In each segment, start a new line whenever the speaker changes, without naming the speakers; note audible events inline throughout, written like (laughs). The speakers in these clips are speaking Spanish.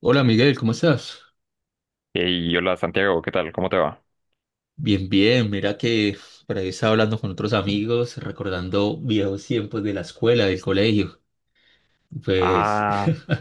Hola Miguel, ¿cómo estás?
Y hola Santiago, ¿qué tal? ¿Cómo te va?
Bien, bien, mira que por ahí estaba hablando con otros amigos, recordando viejos tiempos de la escuela, del colegio. Pues
Ah,
(laughs)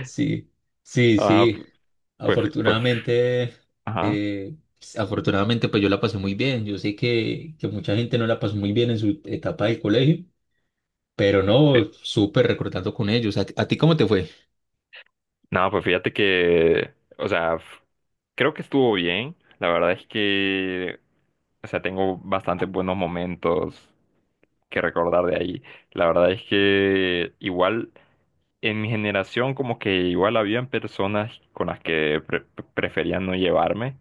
sí, sí,
ah,
sí.
pues, pues,
Afortunadamente,
ajá.
afortunadamente pues yo la pasé muy bien. Yo sé que mucha gente no la pasó muy bien en su etapa del colegio, pero
Sí.
no, súper recordando con ellos. ¿A ti cómo te fue?
No, pues fíjate que, o sea, creo que estuvo bien. La verdad es que, o sea, tengo bastantes buenos momentos que recordar de ahí. La verdad es que igual en mi generación como que igual habían personas con las que preferían no llevarme.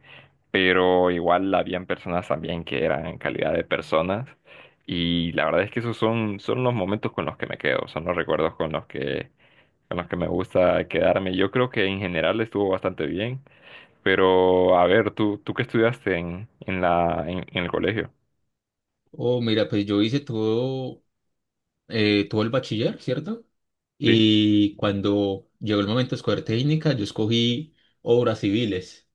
Pero igual habían personas también que eran en calidad de personas y la verdad es que esos son, son los momentos con los que me quedo, son los recuerdos con los que me gusta quedarme. Yo creo que en general estuvo bastante bien, pero a ver, ¿tú qué estudiaste en el colegio?
Oh, mira, pues yo hice todo tuvo el bachiller, ¿cierto?
¿Sí?
Y cuando llegó el momento de escoger técnica, yo escogí obras civiles.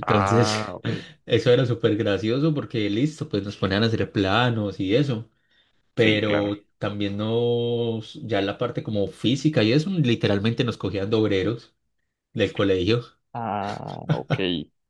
Ah, ok.
(laughs) eso era súper gracioso porque listo, pues nos ponían a hacer planos y eso,
Sí, claro.
pero también nos, ya la parte como física y eso, literalmente nos cogían de obreros del colegio. (laughs)
Ah, ok,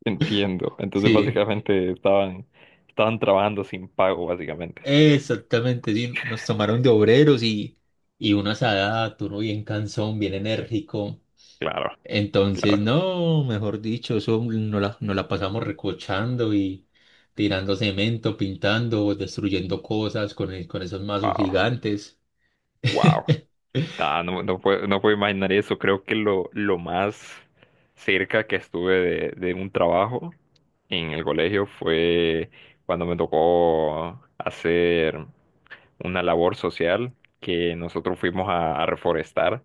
entiendo. Entonces
Sí,
básicamente estaban, estaban trabajando sin pago, básicamente.
exactamente, sí, nos tomaron de obreros y una asada, uno bien cansón, bien enérgico.
Claro,
Entonces,
claro.
no, mejor dicho, eso nos la pasamos recochando y tirando cemento, pintando, destruyendo cosas con, con esos mazos
Wow,
gigantes.
wow.
(laughs)
Ah, no, no puedo, no puedo imaginar eso. Creo que lo más cerca que estuve de un trabajo en el colegio fue cuando me tocó hacer una labor social que nosotros fuimos a reforestar.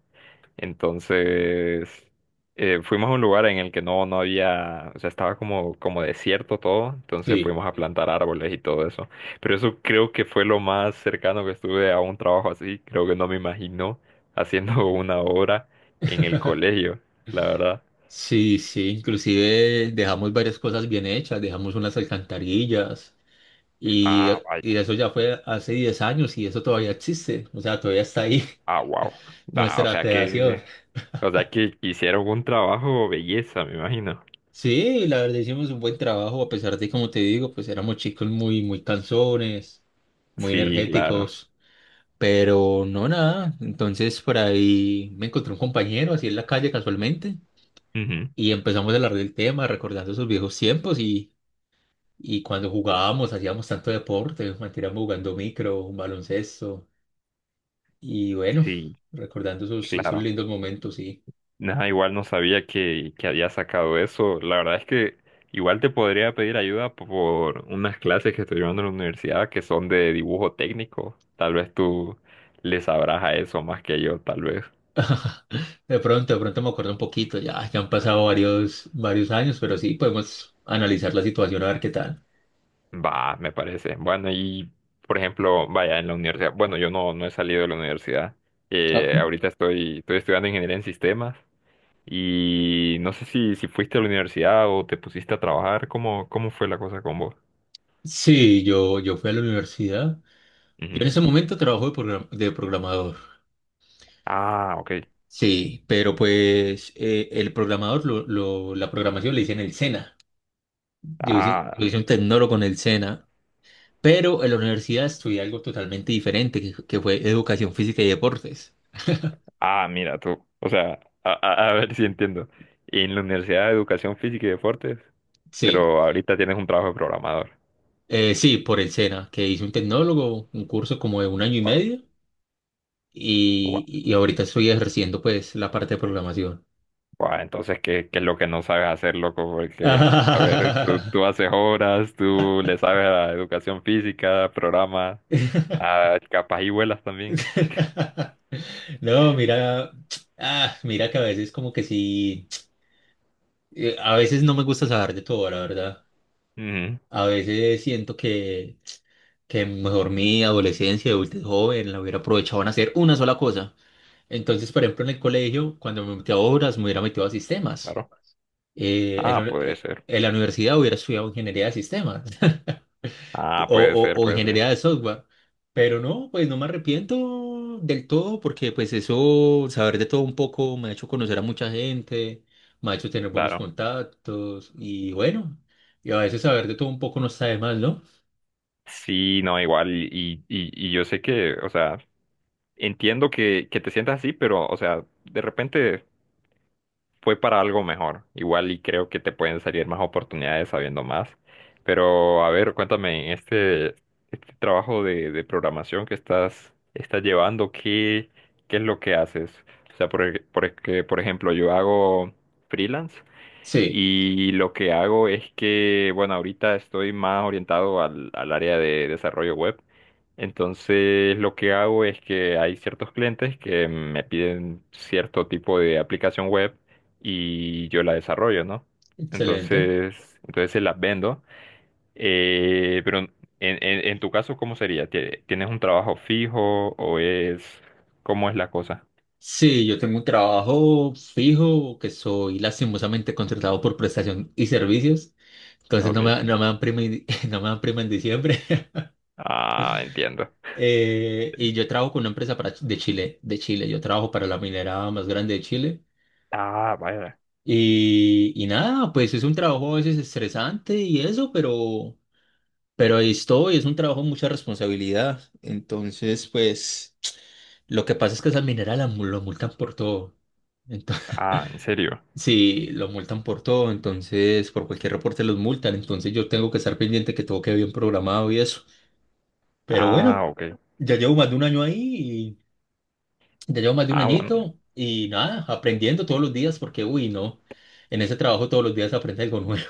Entonces, fuimos a un lugar en el que no, no había, o sea, estaba como, como desierto todo, entonces
Sí,
fuimos a plantar árboles y todo eso. Pero eso creo que fue lo más cercano que estuve a un trabajo así, creo que no me imagino haciendo (laughs) una obra en el colegio, la verdad.
sí, sí, inclusive dejamos varias cosas bien hechas, dejamos unas alcantarillas y,
Ah, vaya,
y eso ya fue hace 10 años y eso todavía existe, o sea, todavía está ahí
ah, wow.
(laughs)
O
nuestra
sea
creación.
que, o sea que hicieron un trabajo belleza, me imagino.
Sí, la verdad hicimos un buen trabajo, a pesar de, como te digo, pues éramos chicos muy, muy cansones, muy
Sí, claro.
energéticos, pero no nada. Entonces por ahí me encontré un compañero así en la calle casualmente
Ujú.
y empezamos a hablar del tema, recordando esos viejos tiempos y cuando jugábamos, hacíamos tanto deporte, manteníamos jugando micro, baloncesto y bueno,
Sí,
recordando esos, esos
claro.
lindos momentos, sí.
Nada, igual no sabía que había sacado eso. La verdad es que igual te podría pedir ayuda por unas clases que estoy llevando en la universidad que son de dibujo técnico. Tal vez tú le sabrás a eso más que yo, tal vez.
De pronto me acuerdo un poquito, ya, ya han pasado varios, varios años, pero sí podemos analizar la situación a ver qué tal.
Va, me parece. Bueno, y por ejemplo, vaya, en la universidad. Bueno, yo no, no he salido de la universidad.
Ah,
Ahorita estoy, estoy estudiando ingeniería en sistemas. Y no sé si, si fuiste a la universidad o te pusiste a trabajar. ¿Cómo, cómo fue la cosa con vos?
sí, yo fui a la universidad. Yo en
Ujú.
ese momento trabajo de programador.
Ah, ok.
Sí, pero pues el programador, la programación la hice en el SENA. Yo hice, yo
Ah,
hice un tecnólogo en el SENA, pero en la universidad estudié algo totalmente diferente, que fue educación física y deportes.
ah, mira tú. O sea, a ver (laughs) si entiendo. En la Universidad de Educación Física y Deportes,
Sí,
pero ahorita tienes un trabajo de programador.
sí, por el SENA, que hice un tecnólogo, un curso como de un año y
Wow,
medio. Y,
wow,
y ahorita estoy ejerciendo pues la parte de programación.
wow. Entonces, ¿qué, qué es lo que no sabes hacer, loco? Porque, a ver, tú
(laughs)
haces horas, tú le sabes a educación física, programas, ah, capaz y vuelas también.
No, mira, ah, mira que a veces como que sí, a veces no me gusta saber de todo, la verdad.
Ujú,
A veces siento que mejor mi adolescencia, de adultez joven, la hubiera aprovechado en hacer una sola cosa. Entonces, por ejemplo, en el colegio, cuando me metí a obras, me hubiera metido a sistemas.
claro. Ah, puede ser.
En la universidad hubiera estudiado ingeniería de sistemas. o,
Ah, puede ser,
o
puede ser.
ingeniería de software. Pero no, pues no me arrepiento del todo porque pues eso, saber de todo un poco me ha hecho conocer a mucha gente, me ha hecho tener buenos
Claro.
contactos y bueno, y a veces saber de todo un poco no está de más, ¿no?
Sí, no, igual, y yo sé que, o sea, entiendo que te sientas así, pero, o sea, de repente fue para algo mejor. Igual y creo que te pueden salir más oportunidades sabiendo más. Pero, a ver, cuéntame, en este, este trabajo de programación que estás, estás llevando, ¿qué, qué es lo que haces? O sea, por, que, por ejemplo, yo hago freelance
Sí,
y lo que hago es que, bueno, ahorita estoy más orientado al, al área de desarrollo web. Entonces, lo que hago es que hay ciertos clientes que me piden cierto tipo de aplicación web y yo la desarrollo, ¿no?
excelente.
Entonces, entonces se las vendo. Pero en, en tu caso, ¿cómo sería? ¿Tienes un trabajo fijo o es... ¿Cómo es la cosa?
Sí, yo tengo un trabajo fijo que soy lastimosamente contratado por prestación y servicios, entonces
Ok.
no me dan prima, (laughs) no me dan prima en diciembre.
Ah, entiendo.
Y yo trabajo con una empresa para, de Chile. Yo trabajo para la minera más grande de Chile.
Ah, vaya.
Y nada, pues es un trabajo a veces estresante y eso, pero ahí estoy, es un trabajo de mucha responsabilidad. Entonces, pues lo que pasa es que esa minera lo multan por todo. Entonces,
Ah, en serio.
(laughs) sí, lo multan por todo. Entonces, por cualquier reporte los multan. Entonces, yo tengo que estar pendiente que todo quede bien programado y eso. Pero
Ah,
bueno,
ok.
ya llevo más de 1 año ahí. Ya llevo más de un
Ah, bueno.
añito y nada, aprendiendo todos los días porque, uy, no, en ese trabajo todos los días aprende algo nuevo.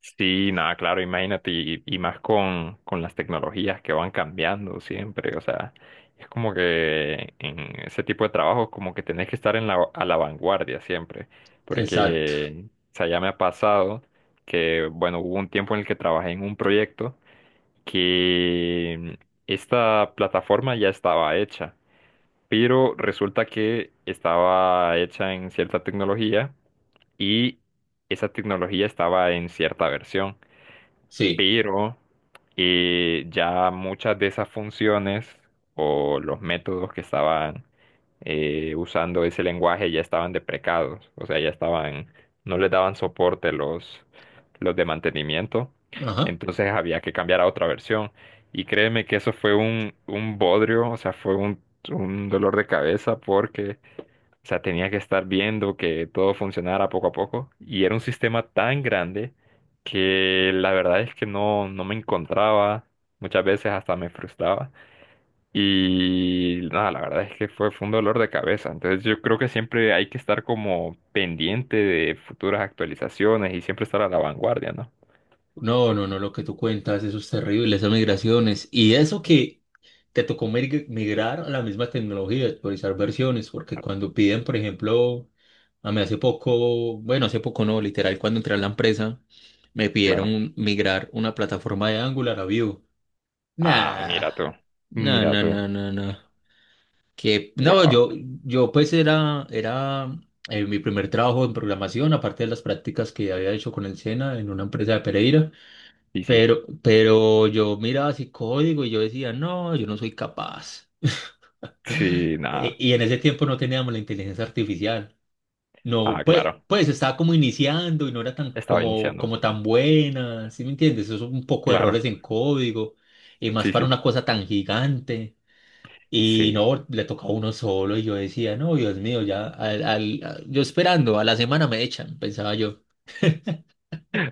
Sí, nada, claro, imagínate, y más con las tecnologías que van cambiando siempre, o sea, es como que en ese tipo de trabajos como que tenés que estar en la, a la vanguardia siempre,
(laughs) Exacto,
porque, o sea, ya me ha pasado que, bueno, hubo un tiempo en el que trabajé en un proyecto que esta plataforma ya estaba hecha, pero resulta que estaba hecha en cierta tecnología y esa tecnología estaba en cierta versión,
sí,
pero ya muchas de esas funciones o los métodos que estaban usando ese lenguaje ya estaban deprecados, o sea, ya estaban, no les daban soporte los de mantenimiento,
ajá.
entonces había que cambiar a otra versión. Y créeme que eso fue un bodrio, o sea, fue un dolor de cabeza porque o sea, tenía que estar viendo que todo funcionara poco a poco. Y era un sistema tan grande que la verdad es que no, no me encontraba. Muchas veces hasta me frustraba. Y nada, la verdad es que fue, fue un dolor de cabeza. Entonces yo creo que siempre hay que estar como pendiente de futuras actualizaciones y siempre estar a la vanguardia, ¿no?
No, no, no, lo que tú cuentas, eso es terrible, esas migraciones. Y eso que te tocó migrar a la misma tecnología, actualizar versiones, porque cuando piden, por ejemplo, a mí hace poco, bueno, hace poco no, literal, cuando entré a la empresa, me
Claro.
pidieron migrar una plataforma de Angular a Vue.
Ah,
Nah,
mira tú.
nah,
Mira
nah,
tú.
nah, nah, nah. Que no,
Wow.
yo pues era mi primer trabajo en programación, aparte de las prácticas que había hecho con el SENA en una empresa de Pereira,
Sí, sí.
pero yo miraba así código y yo decía, no, yo no soy capaz.
Sí,
(laughs)
nada.
Y en ese tiempo no teníamos la inteligencia artificial. No,
Ah,
pues,
claro.
pues estaba como iniciando y no era tan
Estaba iniciando.
como tan buena, ¿sí me entiendes? Eso es un poco de
Claro.
errores en código y más
Sí,
para
sí.
una cosa tan gigante. Y
Sí.
no, le tocó a uno solo y yo decía, no, Dios mío, ya, yo esperando, a la semana me echan, pensaba yo.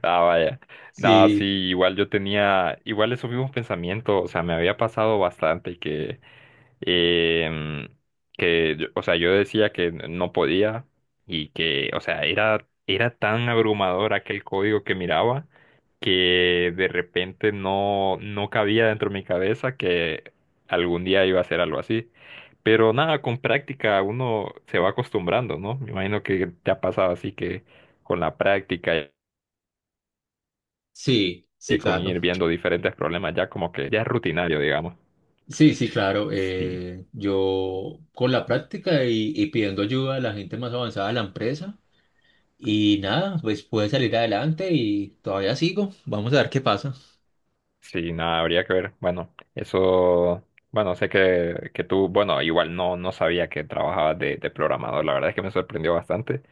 Ah, vaya. No, sí,
Sí,
igual yo tenía, igual esos mismos pensamientos, o sea, me había pasado bastante que, em, que, o sea, yo decía que no podía y que, o sea, era, era tan abrumador aquel código que miraba que de repente no, no cabía dentro de mi cabeza que algún día iba a hacer algo así. Pero nada, con práctica uno se va acostumbrando, ¿no? Me imagino que te ha pasado así que con la práctica
sí, sí,
y con
claro.
ir viendo diferentes problemas ya como que ya es rutinario, digamos.
Sí, sí, claro.
Sí,
Yo con la práctica y pidiendo ayuda a la gente más avanzada de la empresa y nada, pues pude salir adelante y todavía sigo. Vamos a ver qué pasa.
sí, nada, habría que ver. Bueno, eso, bueno, sé que tú, bueno, igual no, no sabía que trabajabas de programador, la verdad es que me sorprendió bastante.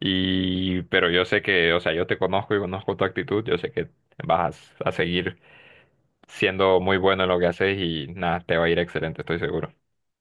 Y, pero yo sé que, o sea, yo te conozco y conozco tu actitud, yo sé que vas a seguir siendo muy bueno en lo que haces y nada, te va a ir excelente, estoy seguro.